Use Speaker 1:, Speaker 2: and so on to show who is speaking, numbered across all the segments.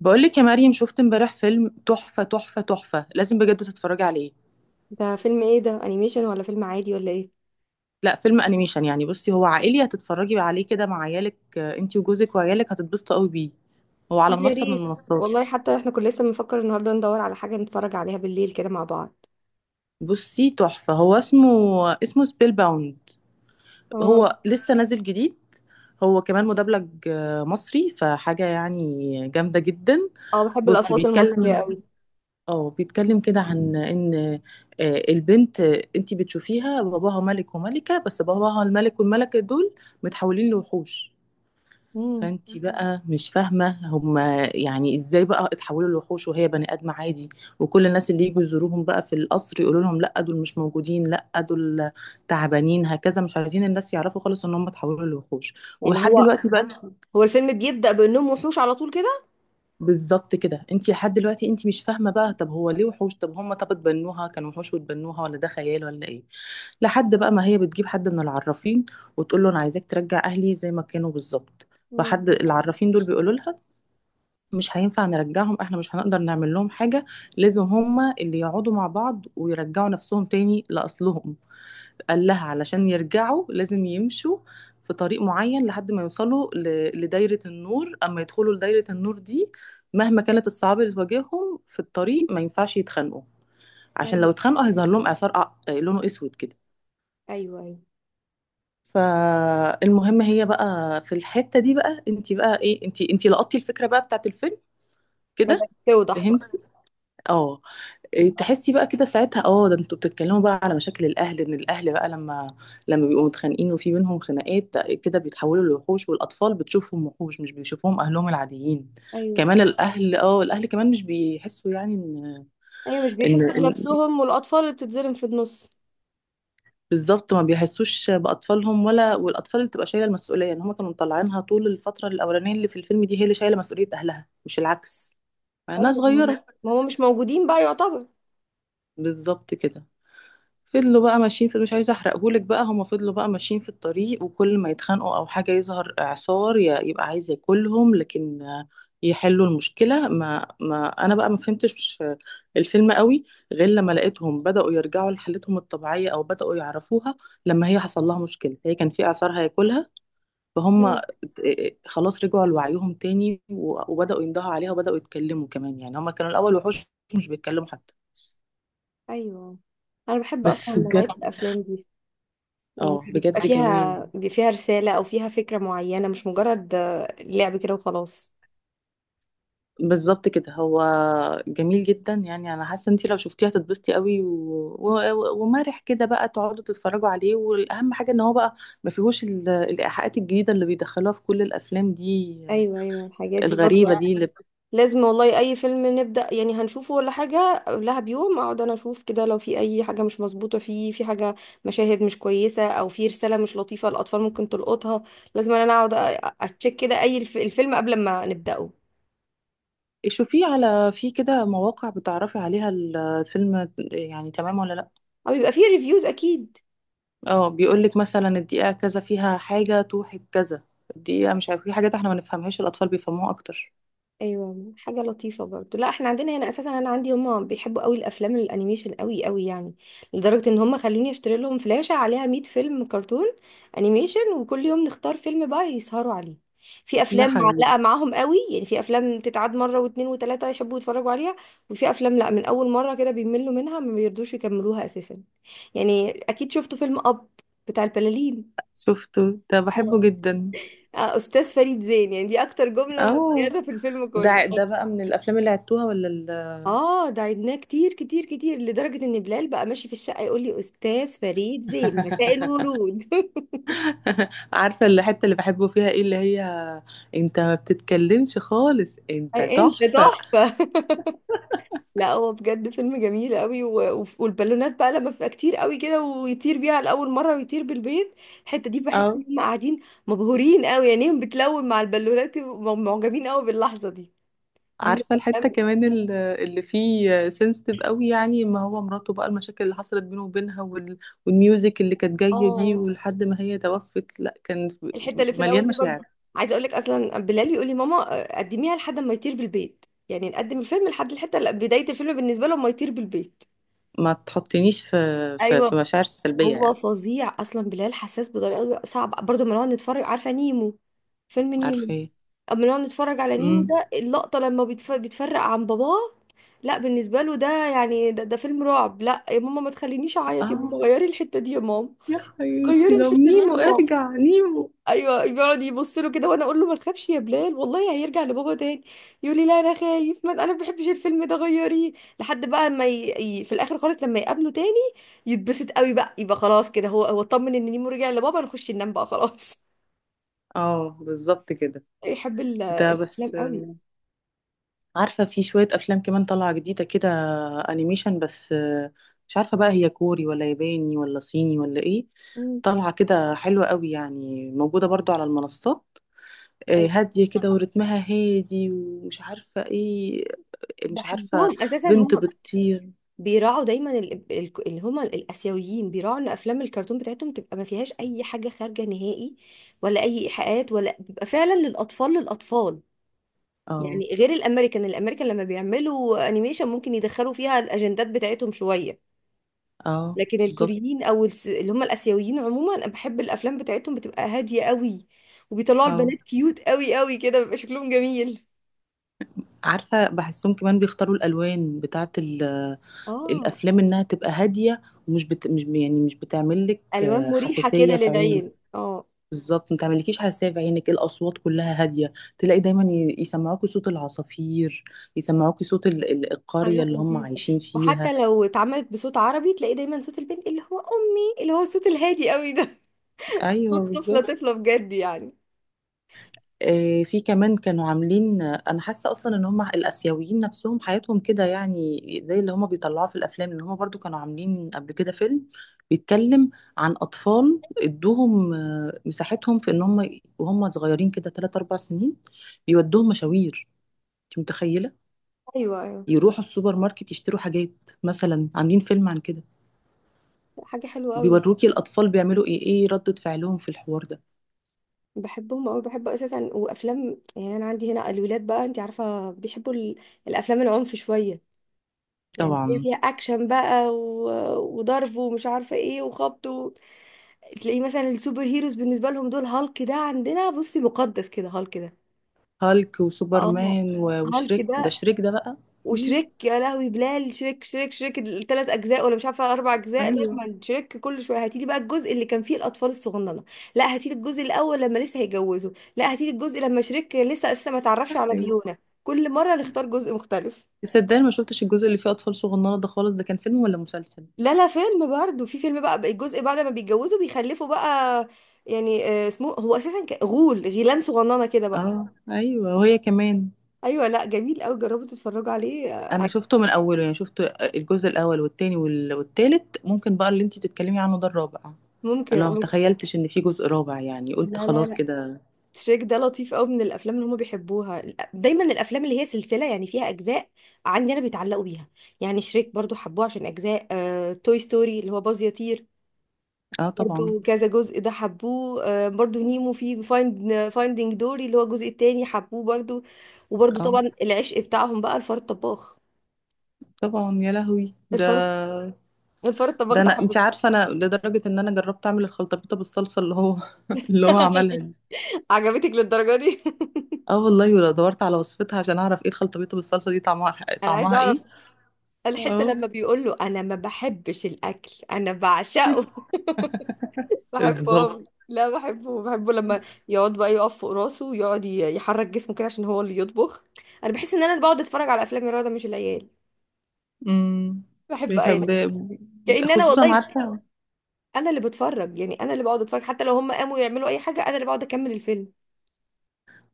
Speaker 1: بقولك يا مريم، شفت امبارح فيلم تحفة تحفة تحفة. لازم بجد تتفرجي عليه.
Speaker 2: ده فيلم ايه؟ ده انيميشن ولا فيلم عادي ولا ايه؟
Speaker 1: لا، فيلم انيميشن، يعني بصي هو عائلي هتتفرجي عليه كده مع عيالك، انتي وجوزك وعيالك هتتبسطوا قوي بيه. هو على
Speaker 2: طب يا
Speaker 1: منصة من
Speaker 2: ريت. والله
Speaker 1: المنصات.
Speaker 2: حتى احنا كنا لسه بنفكر النهارده ندور على حاجه نتفرج عليها بالليل كده مع بعض.
Speaker 1: بصي، تحفة هو اسمه سبيل باوند.
Speaker 2: اه.
Speaker 1: هو لسه نازل جديد. هو كمان مدبلج، مصري، فحاجة يعني جامدة جدا.
Speaker 2: اه، بحب
Speaker 1: بصي
Speaker 2: الاصوات المصريه
Speaker 1: بيتكلم
Speaker 2: قوي.
Speaker 1: اه بيتكلم كده عن ان، البنت انتي بتشوفيها باباها ملك وملكة، بس باباها الملك والملكة دول متحولين لوحوش.
Speaker 2: امم
Speaker 1: فانتي بقى مش فاهمة هما يعني ازاي بقى اتحولوا لوحوش وهي بني ادم عادي. وكل الناس اللي يجوا يزوروهم بقى في القصر يقولوا لهم لا، دول مش موجودين، لا دول تعبانين، هكذا، مش عايزين الناس يعرفوا خالص ان هم اتحولوا لوحوش.
Speaker 2: يعني
Speaker 1: ولحد
Speaker 2: هو
Speaker 1: دلوقتي بقى،
Speaker 2: هو الفيلم بيبدا بانهم وحوش على طول كده؟
Speaker 1: بالظبط كده، انت لحد دلوقتي انت مش فاهمه بقى طب هو ليه وحوش؟ طب هم، طب اتبنوها كانوا وحوش واتبنوها، ولا ده خيال، ولا ايه؟ لحد بقى ما هي بتجيب حد من العرافين وتقول له انا عايزاك ترجع اهلي زي ما كانوا بالظبط.
Speaker 2: امم.
Speaker 1: فحد العرافين دول بيقولوا لها مش هينفع نرجعهم، احنا مش هنقدر نعمل لهم حاجه. لازم هم اللي يقعدوا مع بعض ويرجعوا نفسهم تاني لاصلهم. قال لها علشان يرجعوا لازم يمشوا في طريق معين لحد ما يوصلوا لدايرة النور. أما يدخلوا لدايرة النور دي، مهما كانت الصعاب اللي تواجههم في الطريق، ما ينفعش يتخانقوا، عشان لو
Speaker 2: ايوه.
Speaker 1: اتخانقوا هيظهر لهم إعصار لونه أسود كده.
Speaker 2: ايوه، ايوه.
Speaker 1: فالمهم هي بقى، في الحتة دي بقى، انت بقى ايه، انت لقطتي الفكرة بقى بتاعت الفيلم كده.
Speaker 2: بدات توضح
Speaker 1: فهمتي؟
Speaker 2: بقى.
Speaker 1: اه. إيه،
Speaker 2: مم.
Speaker 1: تحسي بقى كده ساعتها، اه ده انتوا بتتكلموا بقى على مشاكل الاهل، ان الاهل بقى لما بيبقوا متخانقين وفي بينهم خناقات، ده كده بيتحولوا لوحوش، والاطفال بتشوفهم وحوش، مش بيشوفوهم اهلهم العاديين.
Speaker 2: ايوه.
Speaker 1: كمان الاهل، الاهل كمان مش بيحسوا، يعني ان
Speaker 2: ايوه، مش
Speaker 1: ان,
Speaker 2: بيحسوا
Speaker 1: إن
Speaker 2: بنفسهم والاطفال اللي بتتظلم في النص.
Speaker 1: بالظبط ما بيحسوش باطفالهم ولا، والاطفال اللي تبقى شايله المسؤوليه ان هم كانوا مطلعينها طول الفتره الاولانيه اللي في الفيلم دي، هي اللي شايله مسؤوليه اهلها مش العكس، مع انها
Speaker 2: ايوه، ما هم
Speaker 1: صغيره.
Speaker 2: ما هم مش موجودين بقى يعتبر.
Speaker 1: بالظبط كده. فضلوا بقى ماشيين في، مش عايزه احرقهولك بقى، هما فضلوا بقى ماشيين في الطريق، وكل ما يتخانقوا او حاجه يظهر اعصار يبقى عايز ياكلهم، لكن يحلوا المشكله. ما انا بقى ما فهمتش الفيلم قوي غير لما لقيتهم بداوا يرجعوا لحالتهم الطبيعيه، او بداوا يعرفوها لما هي حصل لها مشكله، هي كان في اعصار هياكلها، فهم
Speaker 2: مم.
Speaker 1: خلاص رجعوا لوعيهم تاني، وبداوا يندهوا عليها، وبداوا يتكلموا كمان. يعني هما كانوا الاول وحوش مش بيتكلموا حتى.
Speaker 2: ايوه. انا بحب اصلا
Speaker 1: بس
Speaker 2: نوعيه
Speaker 1: بجد.
Speaker 2: الافلام دي. يعني
Speaker 1: اه
Speaker 2: بيبقى
Speaker 1: بجد جميل.
Speaker 2: فيها بيبقى فيها رسالة أو فيها فكرة معينة مش مجرد لعب كده وخلاص.
Speaker 1: بالظبط كده هو. جميل جدا، يعني انا حاسه انت لو شفتيه هتتبسطي قوي ومرح كده، بقى تقعدوا تتفرجوا عليه. والاهم حاجه ان هو بقى ما فيهوش الايحاءات الجديده اللي بيدخلوها في كل الافلام دي
Speaker 2: أيوة، أيوة، الحاجات دي برضو.
Speaker 1: الغريبه دي اللي
Speaker 2: لازم والله، أي فيلم نبدأ يعني هنشوفه ولا حاجة قبلها بيوم أقعد أنا أشوف كده، لو في أي حاجة مش مظبوطة فيه، في حاجة، مشاهد مش كويسة أو في رسالة مش لطيفة الأطفال ممكن تلقطها. لازم أنا أقعد أتشيك كده أي الفيلم قبل ما نبدأه.
Speaker 1: شوفيه على، في كده مواقع بتعرفي عليها الفيلم يعني تمام ولا لا؟
Speaker 2: أو يبقى فيه ريفيوز أكيد.
Speaker 1: اه بيقول لك مثلا الدقيقه كذا فيها حاجه توحي بكذا، الدقيقه مش عارف، في حاجات احنا ما نفهمهاش الاطفال بيفهموها اكتر.
Speaker 2: ايوه، حاجه لطيفه برضو. لا، احنا عندنا هنا اساسا، انا عندي هما بيحبوا قوي الافلام الانيميشن قوي قوي يعني. لدرجه ان هما خلوني اشتري لهم فلاشه عليها 100 فيلم كرتون انيميشن، وكل يوم نختار فيلم بقى يسهروا عليه. في
Speaker 1: يا
Speaker 2: افلام
Speaker 1: حبيبي،
Speaker 2: معلقه معاهم قوي، يعني في افلام تتعاد مره واتنين وتلاته يحبوا يتفرجوا عليها. وفي افلام لا، من اول مره كده بيملوا منها ما بيرضوش يكملوها اساسا. يعني اكيد شفتوا فيلم اب بتاع البلالين.
Speaker 1: شفته، ده
Speaker 2: آه.
Speaker 1: بحبه جدا.
Speaker 2: استاذ فريد زين، يعني دي اكتر جمله
Speaker 1: اه،
Speaker 2: مميزه في الفيلم كله.
Speaker 1: ده ده بقى من الافلام اللي عدتوها، ولا ال...
Speaker 2: اه، ده عدناه كتير كتير كتير لدرجة ان بلال بقى ماشي في الشقة يقول لي استاذ فريد زين مساء الورود.
Speaker 1: عارفه الحته اللي بحبه فيها ايه، اللي هي انت ما بتتكلمش خالص؟ انت
Speaker 2: أي انت
Speaker 1: تحفه.
Speaker 2: تحفة. لا، هو بجد فيلم جميل قوي، والبالونات بقى لما بتبقى كتير قوي كده ويطير بيها لأول مرة ويطير بالبيت. الحتة دي بحس
Speaker 1: اه.
Speaker 2: ان هم قاعدين مبهورين قوي، عينيهم بتلون مع البالونات، ومعجبين قوي باللحظة دي. دي من
Speaker 1: عارفه الحته
Speaker 2: الافلام.
Speaker 1: كمان، اللي فيه سنسيتيف قوي، يعني ما هو مراته بقى، المشاكل اللي حصلت بينه وبينها والميوزك اللي كانت جايه دي،
Speaker 2: اه.
Speaker 1: ولحد ما هي توفت، لا كان
Speaker 2: الحته اللي في الاول
Speaker 1: مليان
Speaker 2: دي
Speaker 1: مشاعر.
Speaker 2: برضه، عايزه اقول لك اصلا بلال يقول لي ماما قدميها لحد ما يطير بالبيت، يعني نقدم الفيلم لحد الحته اللي بدايه الفيلم بالنسبه له، ما يطير بالبيت.
Speaker 1: ما تحطنيش في، في
Speaker 2: ايوه.
Speaker 1: مشاعر سلبيه
Speaker 2: هو
Speaker 1: يعني.
Speaker 2: فظيع اصلا بلال، حساس بطريقه صعبه برضه لما نقعد نتفرج. عارفه نيمو؟ فيلم نيمو.
Speaker 1: عارفه ايه؟
Speaker 2: اما نقعد نتفرج على نيمو
Speaker 1: امم.
Speaker 2: ده، اللقطه لما بيتفرق عن باباه. لا، بالنسبه له ده يعني ده فيلم رعب. لا يا ماما، ما تخلينيش اعيط يا ماما،
Speaker 1: اه،
Speaker 2: غيري الحته دي يا ماما.
Speaker 1: يا حياتي،
Speaker 2: غيري
Speaker 1: لو
Speaker 2: الحته دي يا
Speaker 1: نيمو،
Speaker 2: ماما.
Speaker 1: ارجع نيمو.
Speaker 2: ايوه، بيقعد يبص له كده، وانا اقول له ما تخافش يا بلال، والله هيرجع لبابا تاني. يقول لي لا انا خايف، ما انا ما بحبش الفيلم ده، غيريه. لحد بقى ما في الاخر خالص لما يقابله تاني، يتبسط قوي بقى، يبقى خلاص كده هو اطمن ان نيمو رجع لبابا، نخش ننام بقى خلاص.
Speaker 1: اه بالظبط كده.
Speaker 2: يحب
Speaker 1: ده
Speaker 2: الافلام
Speaker 1: بس
Speaker 2: قوي.
Speaker 1: عارفة في شوية أفلام كمان طالعة جديدة كده، أنيميشن، بس مش عارفة بقى هي كوري ولا ياباني ولا صيني ولا إيه،
Speaker 2: امم.
Speaker 1: طالعة كده حلوة قوي، يعني موجودة برضو على المنصات،
Speaker 2: ايوه،
Speaker 1: هادية كده ورتمها هادي ومش عارفة إيه. مش عارفة،
Speaker 2: بحبهم اساسا
Speaker 1: بنت
Speaker 2: هم.
Speaker 1: بتطير.
Speaker 2: بيراعوا دايما اللي هم الاسيويين، بيراعوا ان افلام الكرتون بتاعتهم تبقى ما فيهاش اي حاجه خارجه نهائي، ولا اي ايحاءات، ولا بيبقى فعلا للاطفال للاطفال.
Speaker 1: اه.
Speaker 2: يعني غير الامريكان، الامريكان لما بيعملوا انيميشن ممكن يدخلوا فيها الاجندات بتاعتهم شويه.
Speaker 1: اه
Speaker 2: لكن
Speaker 1: بالظبط.
Speaker 2: الكوريين او اللي هم الاسيويين عموما، انا بحب الافلام بتاعتهم، بتبقى هاديه قوي. وبيطلعوا
Speaker 1: اه
Speaker 2: البنات كيوت قوي قوي كده، بيبقى شكلهم جميل.
Speaker 1: عارفة، بحسهم كمان بيختاروا الألوان بتاعة
Speaker 2: اه،
Speaker 1: الافلام انها تبقى هاديه، ومش مش يعني مش بتعمل لك
Speaker 2: الوان مريحه كده
Speaker 1: حساسيه في عينك.
Speaker 2: للعين. اه.
Speaker 1: بالظبط، ما تعملكيش حساسيه في عينك. الاصوات كلها هاديه، تلاقي دايما يسمعوكي صوت العصافير، يسمعوكي صوت القريه
Speaker 2: حاجات
Speaker 1: اللي هم
Speaker 2: لطيفه.
Speaker 1: عايشين
Speaker 2: وحتى
Speaker 1: فيها.
Speaker 2: لو اتعملت بصوت عربي تلاقي دايما صوت البنت اللي هو امي، اللي هو الصوت الهادي قوي ده.
Speaker 1: ايوه
Speaker 2: صوت طفله
Speaker 1: بالظبط.
Speaker 2: طفله بجد يعني.
Speaker 1: في كمان كانوا عاملين، انا حاسه اصلا ان هم الاسيويين نفسهم حياتهم كده يعني، زي اللي هم بيطلعوه في الافلام. ان هم برضو كانوا عاملين قبل كده فيلم بيتكلم عن اطفال ادوهم مساحتهم، في ان هم وهم صغيرين كده 3 4 سنين بيودوهم مشاوير. انت متخيله؟
Speaker 2: ايوه. ايوه،
Speaker 1: يروحوا السوبر ماركت يشتروا حاجات، مثلا عاملين فيلم عن كده.
Speaker 2: حاجه حلوه قوي.
Speaker 1: وبيوروكي الاطفال بيعملوا ايه، ايه ردة فعلهم في الحوار ده.
Speaker 2: بحبهم أوي، بحب اساسا وافلام، يعني انا عندي هنا الولاد بقى انت عارفه بيحبوا الافلام العنف شويه، يعني هي
Speaker 1: طبعا.
Speaker 2: فيها اكشن بقى وضرب ومش عارفه ايه وخبط. تلاقيه مثلا السوبر هيروز بالنسبه لهم دول، هالك ده عندنا بصي مقدس كده، هالك ده.
Speaker 1: هالك
Speaker 2: اه.
Speaker 1: وسوبرمان
Speaker 2: هالك
Speaker 1: وشريك، ده
Speaker 2: ده.
Speaker 1: شريك ده بقى.
Speaker 2: وشريك، يا لهوي، بلال شريك شريك شريك الثلاث اجزاء ولا مش عارفه اربع اجزاء،
Speaker 1: ايوه.
Speaker 2: لازم شريك كل شويه، هاتيلي بقى الجزء اللي كان فيه الاطفال الصغننه. لا، هاتيلي الجزء الاول لما لسه هيجوزوا. لا، هاتيلي الجزء لما شريك لسه اساسا ما تعرفش
Speaker 1: صح
Speaker 2: على
Speaker 1: ايوه.
Speaker 2: فيونا. كل مره نختار جزء مختلف.
Speaker 1: صدقني ما شفتش الجزء اللي فيه اطفال صغننه ده خالص، ده كان فيلم ولا مسلسل؟
Speaker 2: لا، لا، فيلم برضه، في فيلم بقى الجزء بعد ما بيتجوزوا بيخلفوا بقى، يعني اسمه هو اساسا غول، غيلان صغننه كده بقى.
Speaker 1: اه ايوه، وهي كمان.
Speaker 2: ايوه. لا، جميل قوي، جربوا تتفرجوا عليه.
Speaker 1: انا شفته من اوله، يعني شفت الجزء الاول والتاني والتالت، ممكن بقى اللي انتي بتتكلمي عنه ده الرابع.
Speaker 2: ممكن.
Speaker 1: انا ما تخيلتش ان في جزء رابع، يعني قلت
Speaker 2: لا، لا،
Speaker 1: خلاص
Speaker 2: لا.
Speaker 1: كده.
Speaker 2: تريك ده لطيف قوي، من الافلام اللي هم بيحبوها. دايما الافلام اللي هي سلسله يعني فيها اجزاء عندي انا بيتعلقوا بيها. يعني شريك برضو حبوه عشان اجزاء. توي ستوري اللي هو باز يطير،
Speaker 1: اه طبعا.
Speaker 2: برضو كذا جزء ده حبوه. برضو نيمو في فايندينج دوري اللي هو الجزء التاني حبوه برضو. وبرضو
Speaker 1: اه
Speaker 2: طبعا العشق بتاعهم بقى الفار الطباخ.
Speaker 1: طبعا، يا لهوي ده.
Speaker 2: الفار الفار الطباخ
Speaker 1: ده
Speaker 2: ده
Speaker 1: انا، انتي
Speaker 2: حبوه.
Speaker 1: عارفه انا لدرجه ان انا جربت اعمل الخلطبيطه بالصلصه اللي هو، اللي هو عملها دي.
Speaker 2: عجبتك للدرجه دي.
Speaker 1: اه والله، ولا دورت على وصفتها عشان اعرف ايه الخلطبيطه بالصلصه دي طعمها،
Speaker 2: انا عايزه
Speaker 1: طعمها
Speaker 2: اعرف.
Speaker 1: ايه.
Speaker 2: الحته
Speaker 1: اه.
Speaker 2: لما بيقول له انا ما بحبش الاكل انا بعشقه. بحبه
Speaker 1: بالظبط.
Speaker 2: أوي. لا، بحبه بحبه لما يقعد بقى يقف فوق راسه، ويقعد يحرك جسمه كده عشان هو اللي يطبخ. انا بحس ان انا اللي بقعد اتفرج على افلام الرياضه مش العيال.
Speaker 1: امم.
Speaker 2: بحب انا،
Speaker 1: بيحب.
Speaker 2: كأن انا
Speaker 1: خصوصا
Speaker 2: والله
Speaker 1: عارفة.
Speaker 2: انا اللي بتفرج، يعني انا اللي بقعد اتفرج حتى لو هم قاموا يعملوا اي حاجه انا اللي بقعد اكمل الفيلم.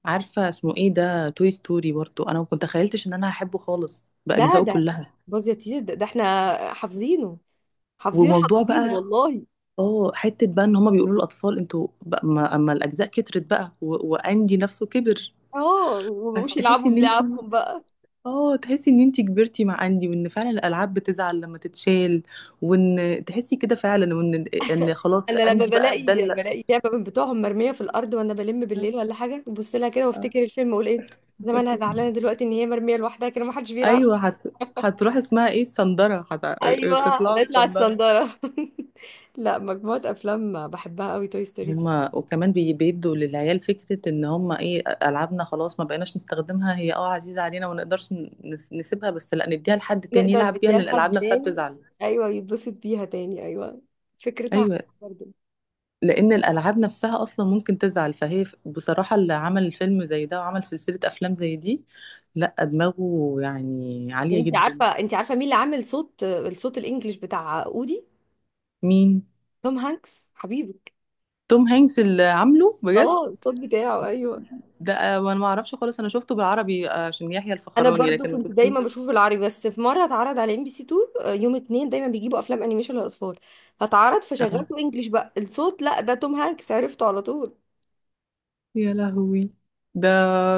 Speaker 1: عارفة اسمه ايه ده، توي ستوري، برضو انا ما كنت تخيلتش ان انا هحبه خالص
Speaker 2: لا،
Speaker 1: باجزائه
Speaker 2: ده
Speaker 1: كلها.
Speaker 2: باظ يا تيت، ده احنا حافظينه. حافظينه
Speaker 1: وموضوع
Speaker 2: حافظينه
Speaker 1: بقى،
Speaker 2: والله.
Speaker 1: اه، حتة بقى ان هما بيقولوا للاطفال انتوا بقى، ما اما الاجزاء كترت بقى واندي نفسه كبر.
Speaker 2: اه،
Speaker 1: بس
Speaker 2: ومبقوش
Speaker 1: تحسي
Speaker 2: يلعبوا
Speaker 1: ان انتي،
Speaker 2: بلعبهم بقى.
Speaker 1: اه تحسي ان انتي كبرتي مع اندي، وان فعلا الالعاب بتزعل لما تتشال، وان تحسي كده فعلا، وان خلاص
Speaker 2: انا لما
Speaker 1: اندي بقى
Speaker 2: بلاقي
Speaker 1: اتدلق.
Speaker 2: بلاقي لعبه من بتوعهم مرميه في الارض وانا بلم بالليل ولا حاجه، ببص لها كده وافتكر
Speaker 1: آه.
Speaker 2: الفيلم واقول ايه، زمانها زعلانه دلوقتي ان هي مرميه لوحدها كده، ما حدش بيلعب.
Speaker 1: ايوه هتروح اسمها ايه، الصندره،
Speaker 2: ايوه،
Speaker 1: تطلعوا
Speaker 2: نطلع
Speaker 1: الصندره.
Speaker 2: الصنداره. لا، مجموعه افلام بحبها قوي توي ستوري دي.
Speaker 1: هما وكمان بيدوا للعيال فكره ان هما ايه، العابنا خلاص ما بقيناش نستخدمها، هي اه عزيزه علينا وما نقدرش نسيبها بس، لا نديها لحد تاني
Speaker 2: نقدر
Speaker 1: يلعب بيها
Speaker 2: نديها
Speaker 1: لان الالعاب
Speaker 2: لحد
Speaker 1: نفسها
Speaker 2: تاني.
Speaker 1: بتزعل.
Speaker 2: ايوه، يتبسط بيها تاني، ايوه. فكرتها حلوة
Speaker 1: ايوه،
Speaker 2: برضه.
Speaker 1: لان الالعاب نفسها اصلا ممكن تزعل، فهي بصراحه اللي عمل الفيلم زي ده وعمل سلسله افلام زي دي، لا دماغه يعني عاليه
Speaker 2: انت عارفه
Speaker 1: جدا.
Speaker 2: انت عارفه مين اللي عامل صوت الانجليش بتاع اودي؟
Speaker 1: مين؟
Speaker 2: توم هانكس حبيبك.
Speaker 1: توم هانكس اللي عامله بجد؟
Speaker 2: اه، الصوت بتاعه، ايوه.
Speaker 1: ده وانا ما اعرفش خالص، انا شفته بالعربي عشان يحيى
Speaker 2: انا
Speaker 1: الفخراني،
Speaker 2: برضو
Speaker 1: لكن ما
Speaker 2: كنت دايما
Speaker 1: شفتوش.
Speaker 2: بشوف العربي، بس في مره اتعرض على MBC2، يوم اتنين دايما بيجيبوا افلام انيميشن للاطفال، فاتعرض
Speaker 1: اه
Speaker 2: فشغلته انجليش بقى الصوت، لا ده توم هانكس عرفته على طول.
Speaker 1: يا لهوي. ده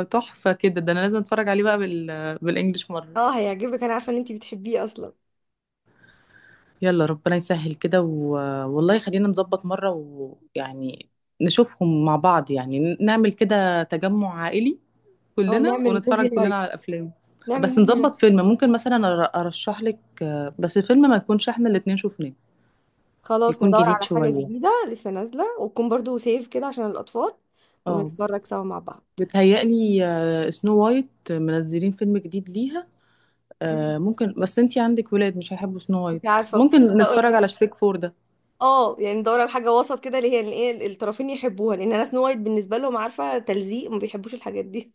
Speaker 1: تحفة كده، ده انا لازم اتفرج عليه بقى بالانجلش مرة.
Speaker 2: اه، هيعجبك، انا عارفه ان انتي بتحبيه اصلا.
Speaker 1: يلا ربنا يسهل كده والله خلينا نظبط مرة، ويعني نشوفهم مع بعض، يعني نعمل كده تجمع عائلي
Speaker 2: اه،
Speaker 1: كلنا،
Speaker 2: نعمل
Speaker 1: ونتفرج
Speaker 2: موفي نايت.
Speaker 1: كلنا على الافلام.
Speaker 2: نعمل
Speaker 1: بس
Speaker 2: موفي
Speaker 1: نظبط
Speaker 2: نايت.
Speaker 1: فيلم، ممكن مثلا ارشح لك بس فيلم ما يكونش احنا الاتنين شفناه،
Speaker 2: خلاص
Speaker 1: يكون
Speaker 2: ندور
Speaker 1: جديد
Speaker 2: على حاجه
Speaker 1: شوية.
Speaker 2: جديده لسه نازله، وتكون برضو سيف كده عشان الاطفال،
Speaker 1: اه.
Speaker 2: ونتفرج سوا مع بعض.
Speaker 1: بتهيألي سنو وايت منزلين فيلم جديد ليها،
Speaker 2: مم.
Speaker 1: ممكن، بس انتي عندك ولاد مش هيحبوا سنو وايت.
Speaker 2: انت عارفه، كنت لسه
Speaker 1: ممكن
Speaker 2: اقول
Speaker 1: نتفرج
Speaker 2: لك.
Speaker 1: على شريك فور ده.
Speaker 2: اه، يعني ندور على حاجه وسط كده اللي هي الايه الطرفين يحبوها، لان انا سنو وايت بالنسبه لهم، عارفه، تلزيق، ما بيحبوش الحاجات دي.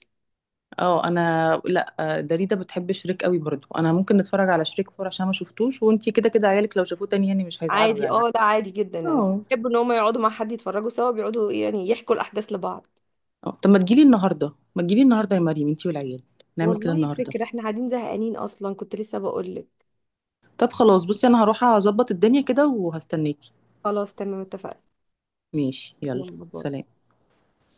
Speaker 1: اه انا، لا داليدا بتحب شريك قوي برضو، انا ممكن نتفرج على شريك فور عشان ما شفتوش، وانتي كده كده عيالك لو شافوه تاني يعني مش هيزعلوا
Speaker 2: عادي،
Speaker 1: يعني.
Speaker 2: اه، لا عادي جدا يعني،
Speaker 1: اه.
Speaker 2: بيحبوا ان هم يقعدوا مع حد يتفرجوا سوا، بيقعدوا يعني يحكوا الاحداث لبعض.
Speaker 1: طب ما تجيلي النهارده، ما تجيلي النهارده يا مريم انتي والعيال، نعمل كده
Speaker 2: والله
Speaker 1: النهارده.
Speaker 2: فكرة، احنا قاعدين زهقانين اصلا، كنت لسه بقول لك.
Speaker 1: طب خلاص، بصي انا هروح اظبط الدنيا كده وهستناكي.
Speaker 2: خلاص، تمام، اتفقنا.
Speaker 1: ماشي، يلا.
Speaker 2: يلا، باي.
Speaker 1: سلام.